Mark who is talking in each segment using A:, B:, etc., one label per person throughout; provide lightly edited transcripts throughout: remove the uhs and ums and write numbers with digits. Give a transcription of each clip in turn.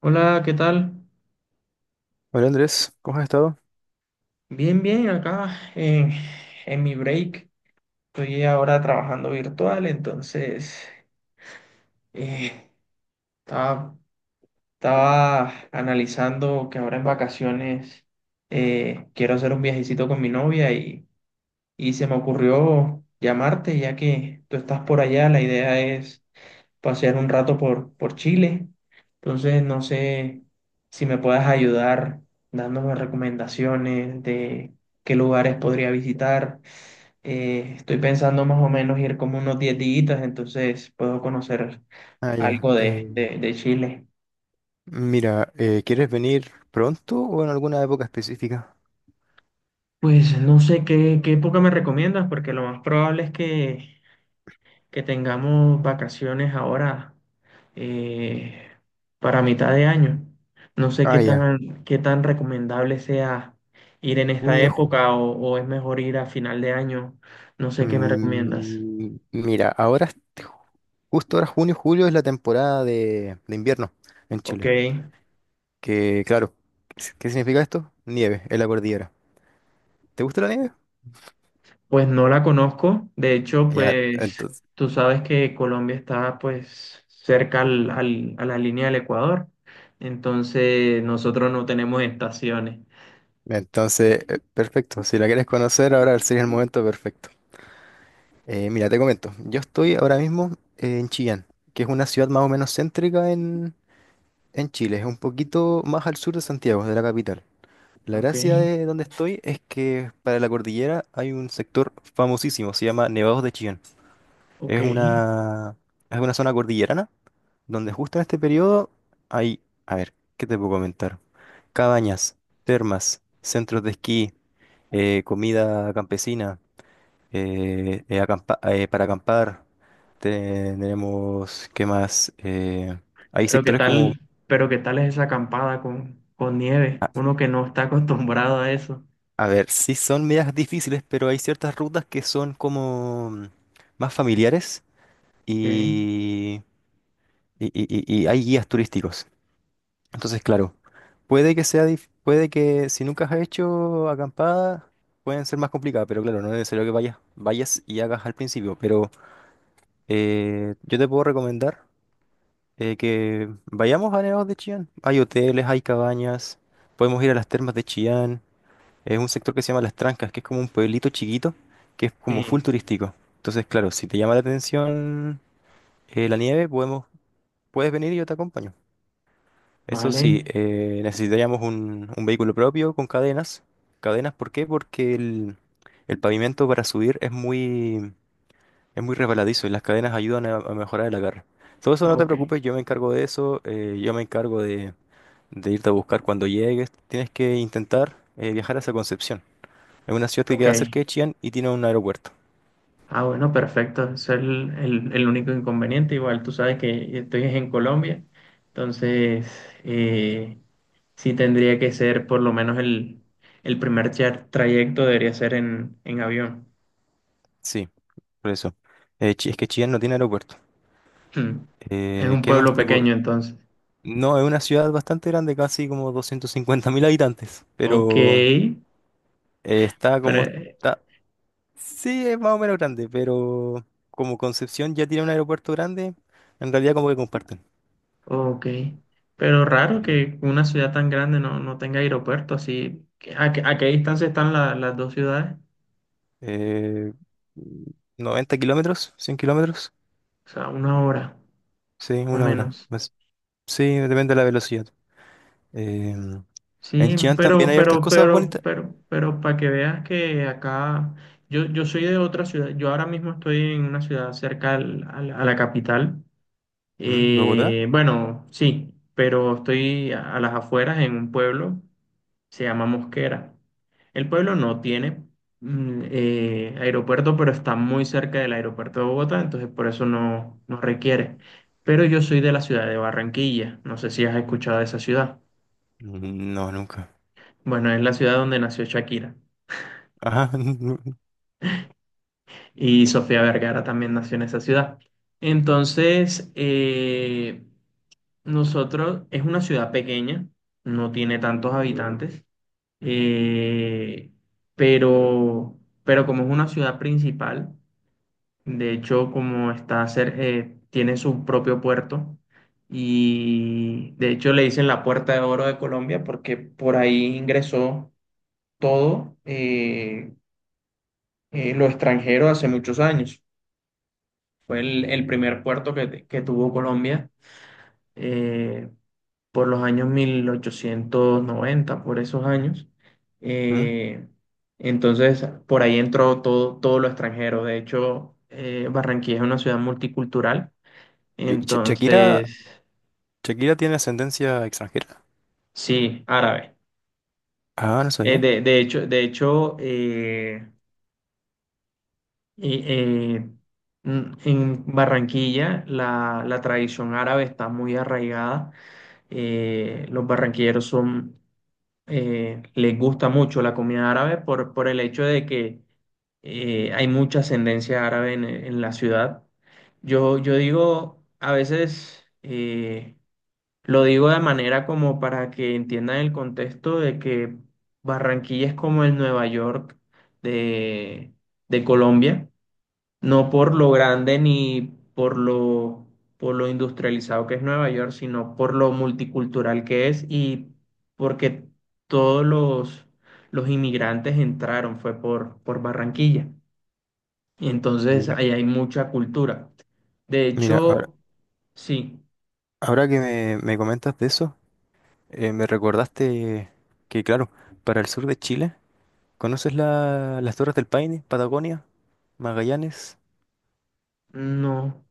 A: Hola, ¿qué tal?
B: Hola, Andrés, ¿cómo has estado?
A: Bien, bien, acá en mi break. Estoy ahora trabajando virtual, entonces eh, estaba, estaba analizando que ahora en vacaciones quiero hacer un viajecito con mi novia y se me ocurrió llamarte ya que tú estás por allá. La idea es pasear un rato por Chile. Entonces, no sé si me puedas ayudar dándome recomendaciones de qué lugares podría visitar. Estoy pensando más o menos ir como unos 10 días, entonces puedo conocer
B: Ah, ya.
A: algo de,
B: eh,
A: de, de Chile.
B: Mira, ¿quieres venir pronto o en alguna época específica?
A: Pues no sé qué época me recomiendas, porque lo más probable es que tengamos vacaciones ahora eh, para mitad de año. No sé
B: Ah,
A: qué
B: ya.
A: tan, qué tan recomendable sea ir en esta
B: Junio.
A: época o es mejor ir a final de año. No sé qué me recomiendas.
B: Mira, justo ahora junio, julio es la temporada de invierno en
A: Ok,
B: Chile. Que claro, ¿qué si- qué significa esto? Nieve en la cordillera. ¿Te gusta la nieve?
A: pues no la conozco. De hecho,
B: Ya,
A: pues tú sabes que Colombia está pues cerca a la línea del Ecuador. Entonces nosotros no tenemos estaciones.
B: entonces, perfecto. Si la quieres conocer, ahora sería el momento perfecto. Mira, te comento. Yo estoy ahora mismo en Chillán, que es una ciudad más o menos céntrica en Chile, es un poquito más al sur de Santiago, de la capital. La
A: Ok,
B: gracia de donde estoy es que para la cordillera hay un sector famosísimo, se llama Nevados de Chillán.
A: ok.
B: Es una, es una zona cordillerana donde justo en este periodo hay, a ver, ¿qué te puedo comentar? Cabañas, termas, centros de esquí, comida campesina, para acampar. Tenemos, ¿qué más? Hay
A: Pero qué
B: sectores como...
A: tal, pero qué tal es esa acampada con nieve,
B: ah,
A: uno que no está acostumbrado a eso.
B: a ver, sí son medias difíciles, pero hay ciertas rutas que son como más familiares
A: Ok,
B: y, y, y hay guías turísticos. Entonces, claro, puede que sea, puede que si nunca has hecho acampada, pueden ser más complicadas, pero claro, no es necesario que vayas y hagas al principio. Pero yo te puedo recomendar que vayamos a Nevados de Chillán. Hay hoteles, hay cabañas, podemos ir a las termas de Chillán. Es un sector que se llama Las Trancas, que es como un pueblito chiquito, que es
A: sí,
B: como full turístico. Entonces, claro, si te llama la atención la nieve, puedes venir y yo te acompaño. Eso sí,
A: vale,
B: necesitaríamos un vehículo propio con cadenas. ¿Cadenas por qué? Porque el pavimento para subir es es muy resbaladizo y las cadenas ayudan a mejorar el agarre. Todo eso no te
A: ok,
B: preocupes, yo me encargo de eso, yo me encargo de irte a buscar cuando llegues. Tienes que intentar viajar hacia Concepción. Es una ciudad que
A: ok.
B: queda cerca de Chillán y tiene un aeropuerto.
A: Ah, bueno, perfecto. Ese es el único inconveniente. Igual tú sabes que estoy en Colombia, entonces eh, sí tendría que ser por lo menos el primer trayecto debería ser en avión.
B: Sí, por eso. Es que Chillán no tiene aeropuerto.
A: Hmm. Es un
B: ¿Qué más
A: pueblo
B: te puedo...?
A: pequeño, entonces.
B: No, es una ciudad bastante grande, casi como 250.000 habitantes,
A: Ok,
B: pero está como
A: pero
B: está... Sí, es más o menos grande, pero como Concepción ya tiene un aeropuerto grande, en realidad como que comparten.
A: Ok, pero
B: Eh,
A: raro que una ciudad tan grande no tenga aeropuerto, así, ¿a qué distancia están las dos ciudades?
B: eh, 90 kilómetros, 100 kilómetros,
A: O sea, una hora
B: sí,
A: o
B: una hora.
A: menos.
B: Pues, sí, depende de la velocidad. Em, en
A: Sí,
B: Chillán también
A: pero,
B: hay hartas
A: pero,
B: cosas
A: pero,
B: bonitas.
A: pero, pero, para que veas que acá, yo soy de otra ciudad, yo ahora mismo estoy en una ciudad cerca a la capital.
B: ¿Mm? ¿Bogotá?
A: Bueno, sí, pero estoy a las afueras en un pueblo se llama Mosquera. El pueblo no tiene aeropuerto, pero está muy cerca del aeropuerto de Bogotá, entonces por eso no requiere. Pero yo soy de la ciudad de Barranquilla, no sé si has escuchado de esa ciudad.
B: No, nunca.
A: Bueno, es la ciudad donde nació Shakira
B: Ajá.
A: y Sofía Vergara también nació en esa ciudad. Entonces, nosotros es una ciudad pequeña, no tiene tantos habitantes, eh, pero, pero como es una ciudad principal. De hecho, como está tiene su propio puerto y de hecho le dicen la Puerta de Oro de Colombia porque por ahí ingresó todo lo extranjero hace muchos años. Fue el primer puerto que tuvo Colombia eh, por los años 1890 por esos años.
B: ¿Mm?
A: Eh, entonces, por ahí entró todo, todo lo extranjero. De hecho, Barranquilla es una ciudad multicultural.
B: ¿Y Shakira,
A: Entonces,
B: Shakira tiene ascendencia extranjera?
A: sí, árabe.
B: Ah, no sabía.
A: De hecho y- eh, en Barranquilla la tradición árabe está muy arraigada. Los barranquilleros les gusta mucho la comida árabe por el hecho de que hay mucha ascendencia árabe en la ciudad. Yo digo, a veces. Lo digo de manera como para que entiendan el contexto de que Barranquilla es como el Nueva York de, de Colombia, no por lo grande ni por lo, por lo industrializado que es Nueva York, sino por lo multicultural que es y porque todos los inmigrantes entraron, fue por Barranquilla. Y entonces
B: Mira,
A: ahí hay mucha cultura. De
B: ahora,
A: hecho, sí,
B: ahora que me comentas de eso, me recordaste que, claro, para el sur de Chile, ¿conoces las Torres del Paine, Patagonia, Magallanes?
A: no,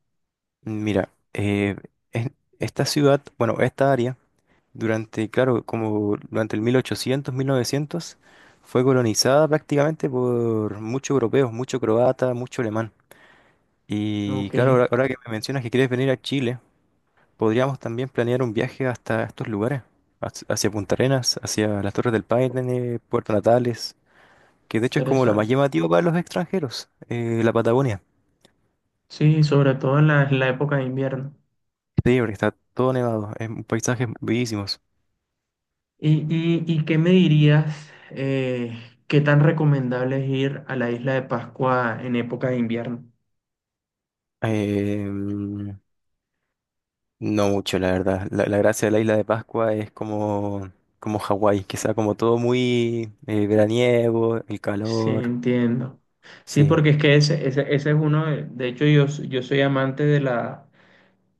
B: Mira, es- esta ciudad, bueno, esta área durante, claro, como durante el 1800, 1900, fue colonizada prácticamente por muchos europeos, mucho croata, mucho alemán. Y
A: ok,
B: claro, ahora que me mencionas que quieres venir a Chile, podríamos también planear un viaje hasta estos lugares, hacia Punta Arenas, hacia las Torres del Paine, Puerto Natales, que de hecho es como lo más
A: interesante.
B: llamativo para los extranjeros, la Patagonia.
A: Sí, sobre todo en la época de invierno.
B: Sí, porque está todo nevado, es un paisajes bellísimos.
A: ¿Y qué me dirías, qué tan recomendable es ir a la isla de Pascua en época de invierno?
B: Eh, No mucho, la verdad. La gracia de la isla de Pascua es como, como Hawái, que sea como todo muy veraniego, el
A: Sí,
B: calor.
A: entiendo. Sí,
B: Sí.
A: porque es que ese es uno, de hecho yo soy amante de, la,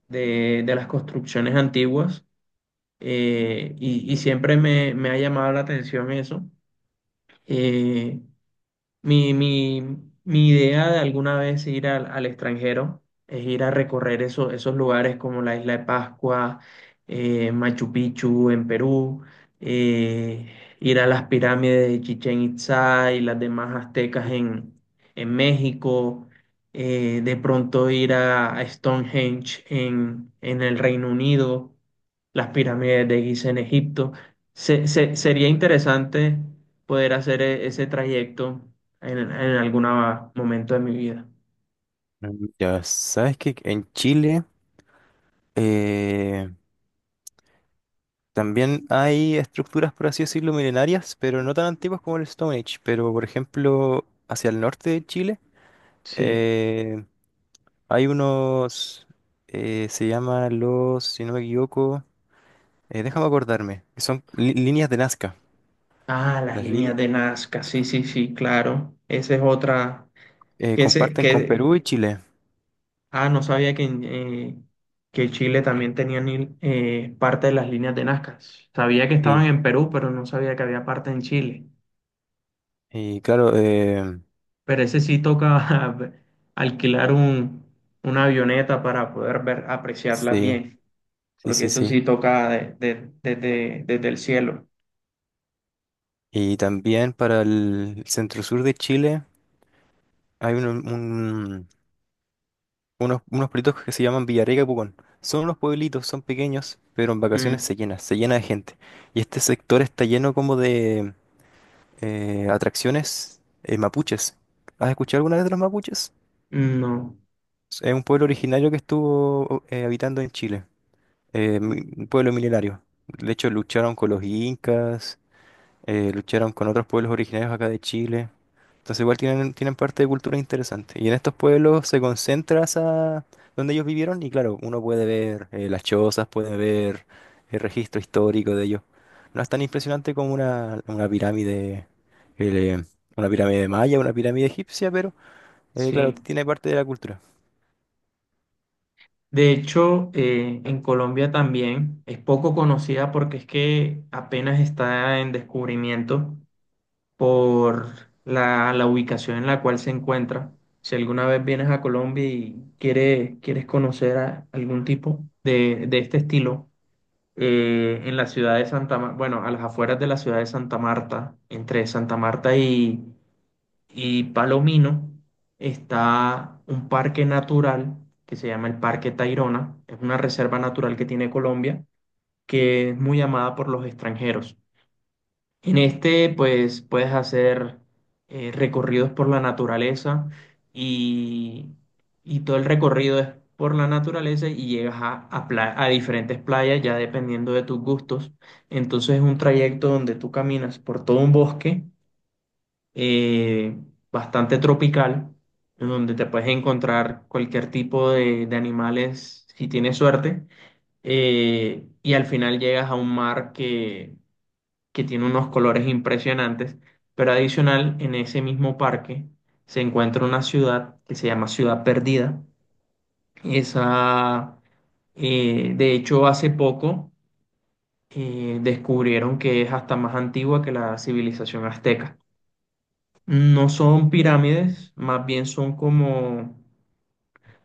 A: de, de las construcciones antiguas. Y siempre me ha llamado la atención eso. eh, Mi, mi, mi idea de alguna vez ir al extranjero es ir a recorrer esos lugares como la Isla de Pascua, Machu Picchu en Perú, eh, ir a las pirámides de Chichén Itzá y las demás aztecas en México, de pronto ir a Stonehenge en el Reino Unido, las pirámides de Giza en Egipto. Sería interesante poder hacer ese trayecto en algún momento de mi vida.
B: Mm, ya sabes que en Chile eh, también hay estructuras, por así decirlo, milenarias, pero no tan antiguas como el Stone Age. Pero, por ejemplo, hacia el norte de Chile
A: Sí.
B: eh, hay se llaman los, si no me equivoco, déjame acordarme, que son líneas de Nazca.
A: Ah, las
B: Las
A: líneas
B: líneas.
A: de Nazca, sí, sí, sí, claro. Esa es otra. Que ese,
B: Comparten con
A: que,
B: Perú y Chile.
A: ah, No sabía que Chile también tenía parte de las líneas de Nazca. Sabía que estaban
B: Sí.
A: en Perú, pero no sabía que había parte en Chile.
B: Y claro,
A: Pero ese sí toca alquilar una avioneta para poder ver, apreciarlas
B: sí,
A: bien,
B: sí,
A: porque
B: sí,
A: eso sí
B: sí.
A: toca desde el cielo.
B: Y también para el centro sur de Chile hay unos pueblitos que se llaman Villarrica y Pucón. Son unos pueblitos, son pequeños, pero en
A: Mm,
B: vacaciones se llena de gente. Y este sector está lleno como de atracciones mapuches. ¿Has escuchado alguna vez de los mapuches?
A: no,
B: Es un pueblo originario que estuvo habitando en Chile. Un pueblo milenario. De hecho, lucharon con los incas, lucharon con otros pueblos originarios acá de Chile. Entonces, igual tienen parte de cultura interesante. Y en estos pueblos se concentra donde ellos vivieron y claro, uno puede ver las chozas, puede ver el registro histórico de ellos. No es tan impresionante como eh, una pirámide maya, una pirámide egipcia, pero claro,
A: sí.
B: tiene parte de la cultura.
A: De hecho, en Colombia también es poco conocida porque es que apenas está en descubrimiento por la ubicación en la cual se encuentra. Si alguna vez vienes a Colombia y quieres conocer a algún tipo de este estilo, en la ciudad de Santa Marta, bueno, a las afueras de la ciudad de Santa Marta, entre Santa Marta y Palomino está un parque natural que se llama el Parque Tayrona. Es una reserva natural que tiene Colombia, que es muy amada por los extranjeros. En este, pues, puedes hacer recorridos por la naturaleza y, y todo el recorrido es por la naturaleza y llegas a diferentes playas ya dependiendo de tus gustos. Entonces es un trayecto donde tú caminas por todo un bosque eh, bastante tropical, en donde te puedes encontrar cualquier tipo de animales si tienes suerte. Y al final llegas a un mar que tiene unos colores impresionantes, pero adicional en ese mismo parque se encuentra una ciudad que se llama Ciudad Perdida. Esa, de hecho, hace poco descubrieron que es hasta más antigua que la civilización azteca. No son pirámides, más bien son como,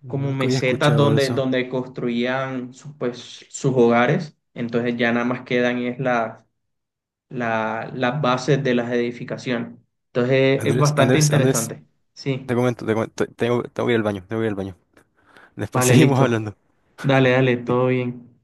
A: como
B: Nunca había
A: mesetas
B: escuchado de
A: donde,
B: eso.
A: donde construían sus hogares. Entonces ya nada más quedan es las bases de las edificaciones. Entonces es
B: Andrés,
A: bastante
B: Andrés,
A: interesante. Sí,
B: te comento, tengo, tengo que ir al baño, tengo que ir al baño. Después
A: vale,
B: seguimos
A: listo.
B: hablando.
A: Dale, dale, todo bien.